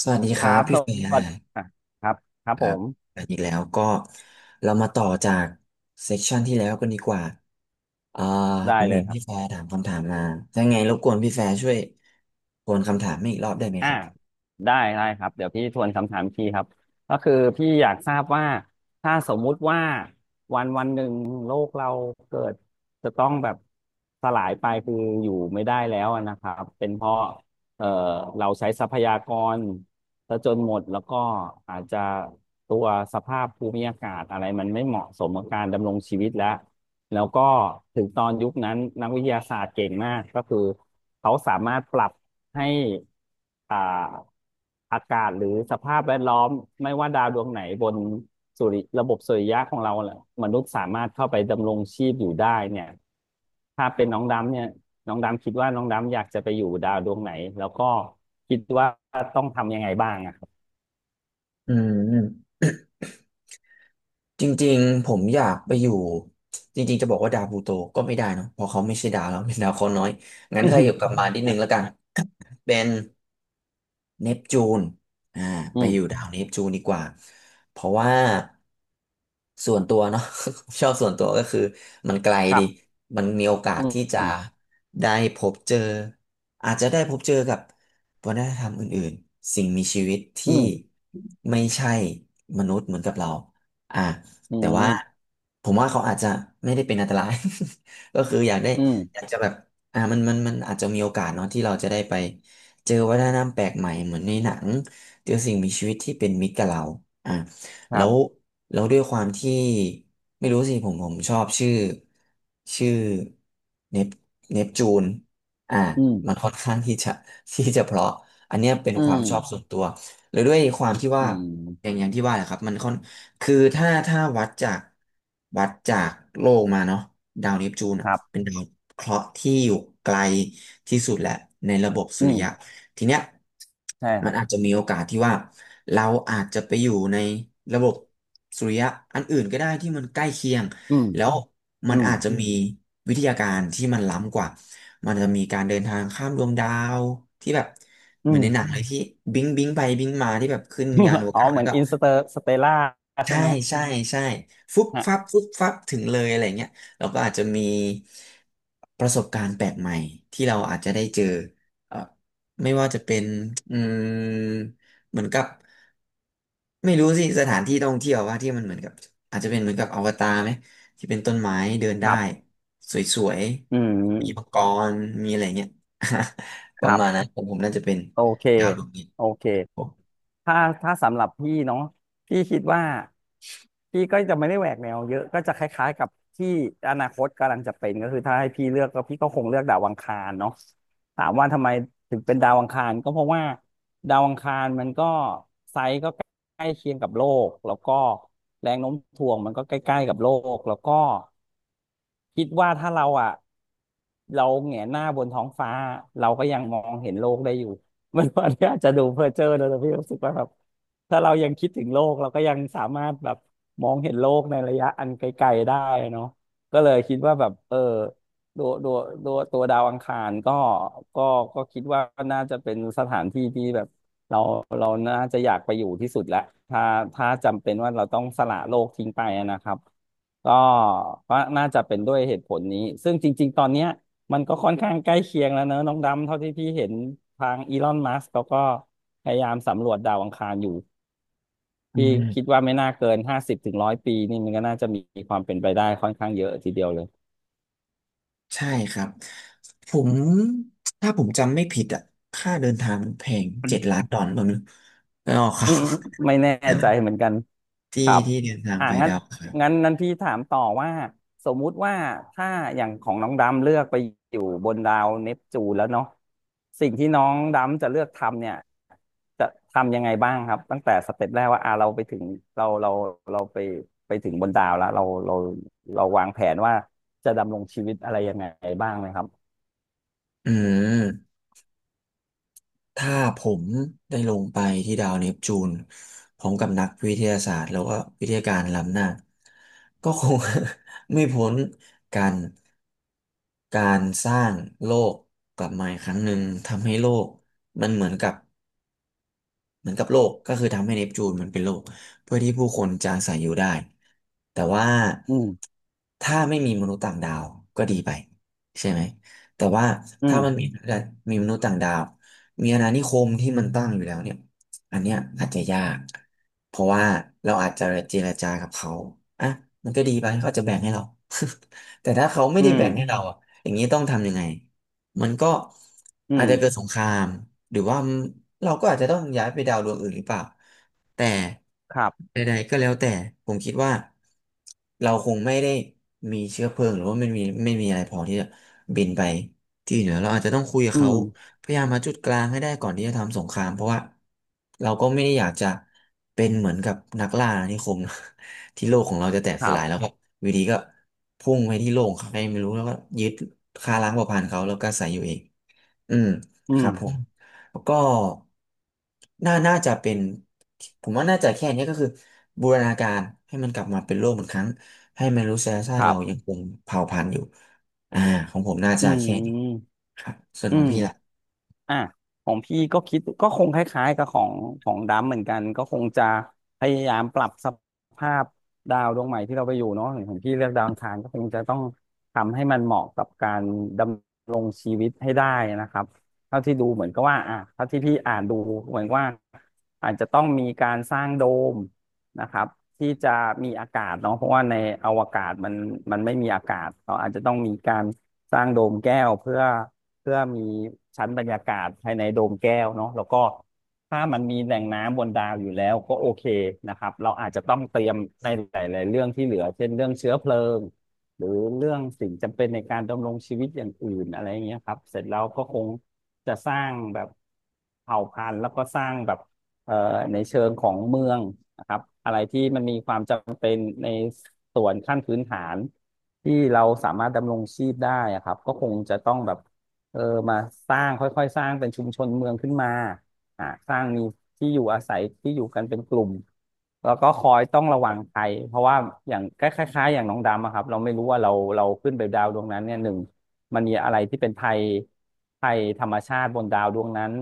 สวัสดีคครัรับบสพี่เฟียวัสดีร์อ่ะครับครับคผรับมอันนีกแล้วก็เรามาต่อจากเซสชันที่แล้วกันดีกว่าอ่าผได้มเลเห็ยนครัพี่แฟบร์ถามคำถามมาถ้าไงรบกวนพี่แฟร์ช่วยทวนคำถามให้อีกรอบได้ไหมอ่าครับได้ได้ครับเดี๋ยวพี่ทวนคำถามพี่ครับก็คือพี่อยากทราบว่า ถ้าสมมุติว่าวันวันหนึ่งโลกเราเกิดจะต้องแบบสลายไปคืออยู่ไม่ได้แล้วอะนะครับเป็นเพราะเอ่อเราใช้ทรัพยากรซะจนหมดแล้วก็อาจจะตัวสภาพภูมิอากาศอะไรมันไม่เหมาะสมกับการดำรงชีวิตแล้ว แล้วก็ถึงตอนยุคนั้นนักวิทยาศาสตร์เก่งมากก็คือเขาสามารถปรับให้อ่าอากาศหรือสภาพแวดล้อมไม่ว่าดาวดวงไหนบนสุริระบบสุริยะของเราแหละมนุษย์สามารถเข้าไปดำรงชีพอยู่ได้เนี่ยถ้าเป็นน้องดำเนี่ยน้องดำคิดว่าน้องดำอยากจะไปอยู่ดาวดวงไหนแล้วก็คิดว่าต้องทำยังไงบ้างอะครับ อืมจริงๆผมอยากไปอยู่จริงๆจะบอกว่าดาวพลูโตก็ไม่ได้เนอะเพราะเขาไม่ใช่ดาวแล้ว เป็นดาวเคราะห์น้อยงั้นถ้าอยู่กลับมารนิดนึงแล้วกัน เป็นเนปจูนอ่า อืไปมอนะอืยู่ดามวเนปจูนดีกว่าเพราะว่าส่วนตัวเนาะ ชอบส่วนตัวก็คือมันไกลครัดีบมันมีโอกาสอืที่จะมได้พบเจออาจจะได้พบเจอกับวัฒนธรรมอื่นๆสิ่งมีชีวิตอืที่มไม่ใช่มนุษย์เหมือนกับเราอ่าอืแต่ว่ามผมว่าเขาอาจจะไม่ได้เป็นอันตราย ก็คืออยากได้อือยามกจะแบบมันอาจจะมีโอกาสเนาะที่เราจะได้ไป เจอวัฒนธรรมแปลกใหม่เหมือนในหนังเจอสิ่งมีชีวิตที่เป็นมิตรกับเราอ่ะคแล้รัวบแล้วด้วยความที่ไม่รู้สิผมชอบชื่อชื่อเนปเนปจูนอ่ะอืมมันค่อนข้างที่จะ ที่จะเพราะอันเนี้ยเป็นอืความม ชอบส่วนตัวหรือด้วยความที่อืว่ามอย่างอย่างที่ว่าแหละครับมันค่อนคือถ้าวัดจากวัดจากโลกมาเนาะดาวเนปจูนคอ่ะรัเป็นบดาวเคราะห์ที่อยู่ไกลที่สุดแหละในระบบสุอืริมยะ ทีเนี้ยใช่คมันรับอาจจะมีโอกาสที่ว่าเราอาจจะไปอยู่ในระบบสุริยะอันอื่นก็ได้ที่มันใกล้เคียงอืมแล้วมัอืนมอาจจะมีวิทยาการที่มันล้ำกว่ามันจะมีการเดินทางข้ามดวงดาวที่แบบอืเหมือนม ในหนังเลยที่บิงบิงไปบิงมาที่แบบขึ้นยานอว อ๋อกาศเหแล้มืวอนก็ อินสเตอร์สเตล่าใช่ใช่ไหมใช่ใช่ฟุบฮะฟับฟุบฟับถึงเลยอะไรเงี้ยเราก็อาจจะมีประสบการณ์แปลกใหม่ที่เราอาจจะได้เจอเอ่อไม่ว่าจะเป็นอืมเหมือนกับไม่รู้สิสถานที่ท่องเที่ยวว่าที่มันเหมือนกับอาจจะเป็นเหมือนกับอวตารไหมที่เป็นต้นไม้เดินคได้รับสวยอืมๆมีมังกรมีอะไรเงี้ย ปคระรัมาณบ นั้นผมน่าจะเป็นโอเค ดาวดวงนี้โอเค ครับผมถ้าถ้าสำหรับพี่เนาะพี่คิดว่าพี่ก็จะไม่ได้แหวกแนวเยอะก็จะคล้ายๆกับที่อนาคตกำลังจะเป็นก็คือถ้าให้พี่เลือกก็พี่ก็คงเลือกดาวอังคารเนาะถามว่าทำไมถึงเป็นดาวอังคารก็เพราะว่าดาวอังคารมันก็ไซส์ก็ใกล้เคียงกับโลกแล้วก็แรงโน้มถ่วงมันก็ใกล้ๆกับโลกแล้วก็คิดว่าถ้าเราอ่ะเราแหงนหน้าบนท้องฟ้าเราก็ยังมองเห็นโลกได้อยู่ มัน วันนี้อาจจะดูเพ้อเจ้อนะแต่พี่รู้สึกว่าแบบถ้าเรายังคิดถึงโลกเราก็ยังสามารถแบบมองเห็นโลกในระยะอันไกลๆได้เนาะก็เลยคิดว่าแบบเออตัวตัวตัวดาวอังคารก็ก็ก็คิดว่าน่าจะเป็นสถานที่ที่แบบเราเราน่าจะอยากไปอยู่ที่สุดแหละถ้าถ้าจำเป็นว่าเราต้องสละโลกทิ้งไปนะครับก็ก็น่าจะเป็นด้วยเหตุผลนี้ซึ่งจริงๆตอนเนี้ย มันก็ค่อนข้างใกล้เคียงแล้วเนอะน้องดำเท่าที่พี่เห็นทางอีลอนมัสก์เขาก็พยายามสำรวจดาวอังคารอยู่อืพี่คิดม ว่าไม่น่าเกิน50 ถึง 100 ปีนี่มันก็น่าจะมีความเป็นไปได้ค่อนข้างเยอะทีเดียวเลย ใช่ครับผมถ้าผมจำไม่ผิดอ่ะค่าเดินทางมันแพง$7,000,000ผมั้งไม่ออกครัอืบ มไม่แน่ ใช่ไหม ใจเหมือนกัน ที่ครับที่เดินทางอ่าไปงั้นดาวอังครับงั้นนั้นพี่ถามต่อว่าสมมุติว่าถ้าอย่างของน้องดำเลือกไปอยู่บนดาวเนปจูนแล้วเนาะสิ่งที่น้องดำจะเลือกทำเนี่ยจะทำยังไงบ้างครับตั้งแต่สเต็ปแรกว่าอ่าเราไปถึงเราเราเราไปถึงบนดาวแล้วเราวางแผนว่าจะดำรงชีวิตอะไรยังไงบ้างไหมครับอืมถ้าผมได้ลงไปที่ดาวเนปจูนพร้อมกับนักวิทยาศาสตร์แล้วก็วิทยาการล้ำหน้าก็คง ไม่พ้นการการสร้างโลกกลับมาอีกครั้งหนึ่งทำให้โลกมันเหมือนกับ เหมือนกับโลกก็คือทำให้เนปจูนมันเป็นโลกเพื่อที่ผู้คนจะอาศัยอยู่ได้แต่ว่าอืมถ้าไม่มีมนุษย์ต่างดาวก็ดีไปใช่ไหมแต่ว่าอืถ้ามมันมีมีมนุษย์ต่างดาวมีอาณานิคมที่มันตั้งอยู่แล้วเนี่ยอันเนี้ยอาจจะยากเพราะว่าเราอาจจะเจรจากับเขาอ่ะมันก็ดีไปเขาอาจจะแบ่งให้เรา แต่ถ้าเขาไม่อืได้มแบ่งให้เราอ่ะอย่างนี้ต้องทำยังไง มันก็อือาจจะเกิมดสงครามหรือว่าเราก็อาจจะต้องย้ายไปดาวดวงอื่นหรือเปล่าแต่ครับใดๆก็แล้วแต่ผมคิดว่าเราคงไม่ได้มีเชื้อเพลิงหรือว่าไม่มีอะไรพอที่จะบินไปที่อื่นแล้วเราอาจจะต้องคุยกับอืเขามพยายามหาจุดกลางให้ได้ก่อนที่จะทำสงครามเพราะว่าเราก็ไม่ได้อยากจะเป็นเหมือนกับนักล่าอาณานิคมนะ ที่โลกของเราจะแตกคสรัลายแล้วบครับวีดีก็พุ่งไปที่โลกของใครไม่รู้แล้วก็ยึดฆ่าล้างเผ่าพันธุ์เขาแล้วก็อาศัยอยู่เองอืมอืคมรับผมแล้วก็น่าจะเป็นผมว่าน่าจะแค่นี้ก็คือบูรณาการให้มันกลับมาเป็นโลกเหมือนครั้งให้มนุษยชาคติรัเรายังบคงเผ่าพันธุ์อยู่อ่าของผมน่าอืจะม แค่นี้ครับส่วนอืของมพี่ล่ะอ่ะของพี่ก็คิดก็คงคล้ายๆกับของดำเหมือนกันก็คงจะพยายามปรับสภาพดาวดวงใหม่ที่เราไปอยู่เนาะอย่างของพี่เลือกดาวอังคารก็คงจะต้องทำให้มันเหมาะกับการดำรงชีวิตให้ได้นะครับเท่าที่ดูเหมือนก็ว่าอ่ะเท่าที่พี่อ่านดูเหมือนว่าอาจจะต้องมีการสร้างโดมนะครับที่จะมีอากาศเนาะเพราะว่าในอวกาศมันไม่มีอากาศเราอาจจะต้องมีการสร้างโดมแก้วเพื่อมีชั้นบรรยากาศภายในโดมแก้วเนาะแล้วก็ถ้ามันมีแหล่งน้ำบนดาวอยู่แล้วก็โอเคนะครับ เราอาจจะต้องเตรียมในหลายๆเรื่องที่เหลือเช่นเรื่องเชื้อเพลิงหรือเรื่องสิ่งจำเป็นในการดำรงชีวิตอย่างอื่นอะไรอย่างเงี้ยครับเสร็จแล้วก็คงจะสร้างแบบเผ่าพันธุ์แล้วก็สร้างแบบเอ่อในเชิงของเมืองนะครับอะไรที่มันมีความจำเป็นในส่วนขั้นพื้นฐานที่เราสามารถดำรงชีพได้อะครับก็คงจะต้องแบบ เออมาสร้างค่อยๆสร้างเป็นชุมชนเมืองขึ้นมาสร้างมีที่อยู่อาศัยที่อยู่กันเป็นกลุ่มแล้วก็คอยต้องระวังภัยเพราะว่าอย่างคล้ายๆอย่างน้องดำอะครับเราไม่รู้ว่าเราขึ้นไปดาวดวงนั้นเนี่ยหนึ่งมันมีอะไรที่เป็นภัยธรรมชาติบนดาวดวงนั้น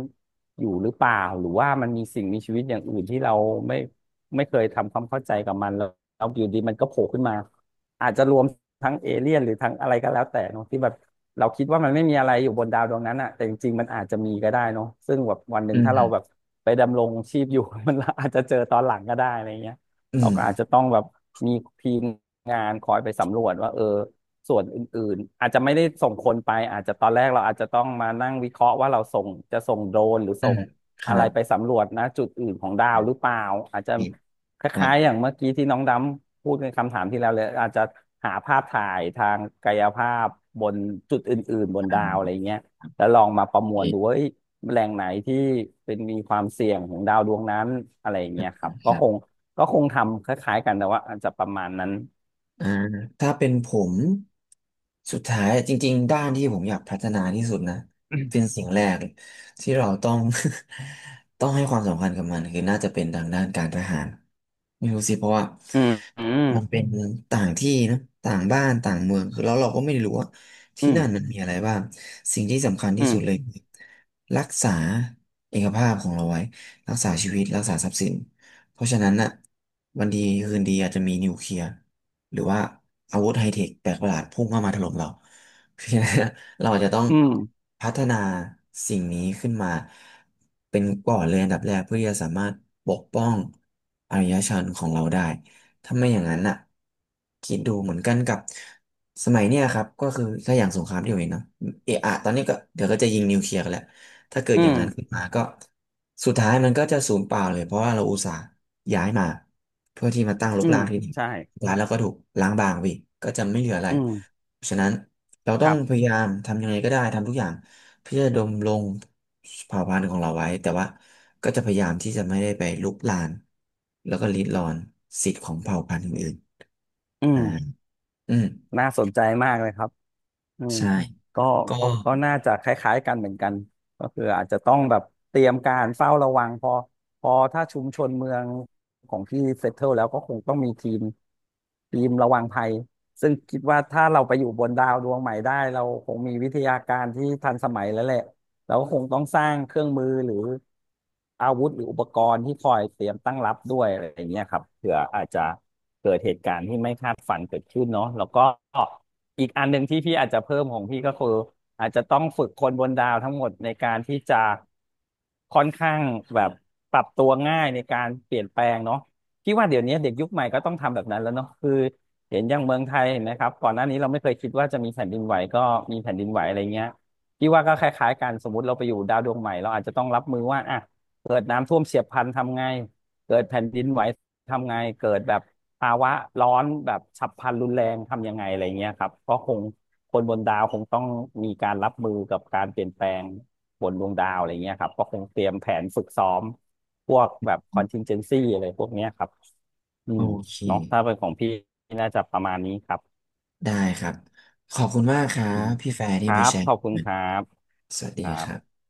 อยู่หรือเปล่าหรือว่ามันมีสิ่งมีชีวิตอย่างอื่นที่เราไม่ไม่เคยทำความเข้าใจกับมันแล้วอยู่ดีมันก็โผล่ขึ้นมาอาจจะรวมทั้งเอเลี่ยนหรือทั้งอะไรก็แล้วแต่เนอะที่แบบ เราคิดว่ามันไม่มีอะไรอยู่บนดาวดวงนั้นอะแต่จริงๆมันอาจจะมีก็ได้เนาะซึ่งแบบวันหนึ่อืงถ้าเราแบบมไปดำรงชีพอยู่ มันอาจจะเจอตอนหลังก็ได้อะไรเงี้ยอืเรามก็อาจจะต้องแบบมีทีมงานคอยไปสำรวจว่าเออส่วนอื่นๆอาจจะไม่ได้ส่งคนไปอาจจะตอนแรกเราอาจจะต้องมานั่งวิเคราะห์ว่าเราส่งจะส่งโดรนหรืออืส่มงคอะรัไรบไปสำรวจนะจุดอื่นของดาอืวหรือเปล่าอาจจะ มคครับล้ายๆอย่างเมื่อกี้ที่น้องดำพูดในคำถามที่แล้วเลยอาจจะหาภาพถ่ายทางกายภาพบนจุดอื่นๆบนอ่ดาวอะาไรเงี้ยแล้วลองมาประโอมวลดูว่าเคเอ้ยแหล่งไหนที่เป็นมีความเสี่ยงของดาวดวงนั้นอะไรอย่างเงี้ยครับคก็รัคงบ ก็คงทำคล้ายๆกันแต่ว่าอาจจะประมาณนั้นอ่าถ้าเป็นผมสุดท้ายจริงๆด้านที่ผมอยากพัฒนาที่สุดนะเป็นสิ่งแรกที่เราต้อง ต้องให้ความสำคัญกับมันคือน่าจะเป็นทางด้านการทหารไม่รู้สิเพราะว่าอืมอืมมันเป็นต่างที่นะต่างบ้านต่างเมืองคือแล้วเราก็ไม่รู้ว่าอืที่มนั่นมันมีอะไรบ้างสิ่งที่สำคัญที่อืสุดเลยมคือรักษาเอกภาพของเราไว้รักษาชีวิตรักษาทรัพย์สินเพราะฉะนั้นน่ะวันดีคืนดีอาจจะมีนิวเคลียร์ หรือว่าอาวุธไฮเทคแปลกประหลาดพุ่งเข้ามาถล่มเรา เพราะฉะนั้นเราอาจจะต้องอืมพัฒนาสิ่งนี้ขึ้นมาเป็นก่อนเลยอันดับแรกเพื่อที่จะสามารถปกป้องอารยชนของเราได้ถ้าไม่อย่างนั้นน่ะคิดดูเหมือนกันกับสมัยเนี้ยครับก็คือถ้าอย่างสงครามที่เราเห็นเนาะเอะอะตอนนี้ก็เดี๋ยวก็จะยิงนิวเคลียร์กันแหละถ้าเกิดอือย่างมนั้นขึ้นมาก็สุดท้ายมันก็จะสูญเปล่าเลยเพราะว่าเราอุตส่าห์ย้ายมาเพื่อที่มาตั้งรอืกมรากที่นี่ ใช่ร้านเราก็ถูกล้างบางไปอีกก็จะไม่เหลืออะไรอืมฉะนั้นเราต้คองรัพบยายามทำยังไงก็ได้ทำทุกอย่างเพื่อดำรงเผ่าพันธุ์ของเราไว้แต่ว่าก็จะพยายามที่จะไม่ได้ไปรุกรานแล้วก็ริดรอนสิทธิ์ของเผ่าพันธุ์อื่นอืๆมอืมน่าสนใจมากเลยครับ อืมใช่ก็ก็ก็น่าจะคล้ายๆกันเหมือนกันก็คืออาจจะต้องแบบเตรียมการเฝ้าระวังพอถ้าชุมชนเมืองของที่เซ t ตเทิลแล้วก็คงต้องมีทีมระวังภัยซึ่งคิดว่าถ้าเราไปอยู่บนดาวดวงใหม่ได้เราคงมีวิทยาการที่ทันสมัยแล้วแหละเราก็คงต้องสร้างเครื่องมือหรืออาวุธหรืออุปกรณ์ที่คอยเตรียมตั้งรับด้วยอะไรอย่างเงี้ยครับเผื่ออาจจะเกิดเหตุการณ์ที่ไม่คาดฝันเกิดขึ้นเนาะแล้วก็ อีกอันหนึ่งที่พี่อาจจะเพิ่มของพี่ก็คืออาจจะต้องฝึกคนบนดาวทั้งหมดในการที่จะค่อนข้างแบบปรับตัวง่ายในการเปลี่ยนแปลงเนาะพี่ว่าเดี๋ยวนี้เด็กยุคใหม่ก็ต้องทำแบบนั้นแล้วเนาะคือเห็นอย่างเมืองไทยเห็นไหมครับก่อนหน้านี้เราไม่เคยคิดว่าจะมีแผ่นดินไหวก็มีแผ่นดินไหวอะไรเงี้ยพี่ว่าก็คล้ายๆกันสมมติเราไปอยู่ดาวดวงใหม่เราอาจจะต้องรับมือว่าอ่ะเกิดน้ำท่วมเฉียบพลันทำไงเกิดแผ่นดินไหว ทำไงเกิดแบบภาวะร้อนแบบฉับพลันรุนแรงทำยังไงอะไรเงี้ยครับก็คงคนบนดาวคงต้องมีการรับมือกับการเปลี่ยนแปลงบนดวงดาวอะไรเงี้ยครับก็คงเตรียมแผนฝึกซ้อมพวกแบบ contingency อะไรพวกเนี้ยครับอืโอมเคเนาะถ้าเป็นของพี่น่าจะประมาณนี้ครับได้ครับขอบคุณมากครัอืบมพี่แฟร์คที่รัมาบแชร์ขอบคุณกัคนรับสวัสคดีรัคบรับ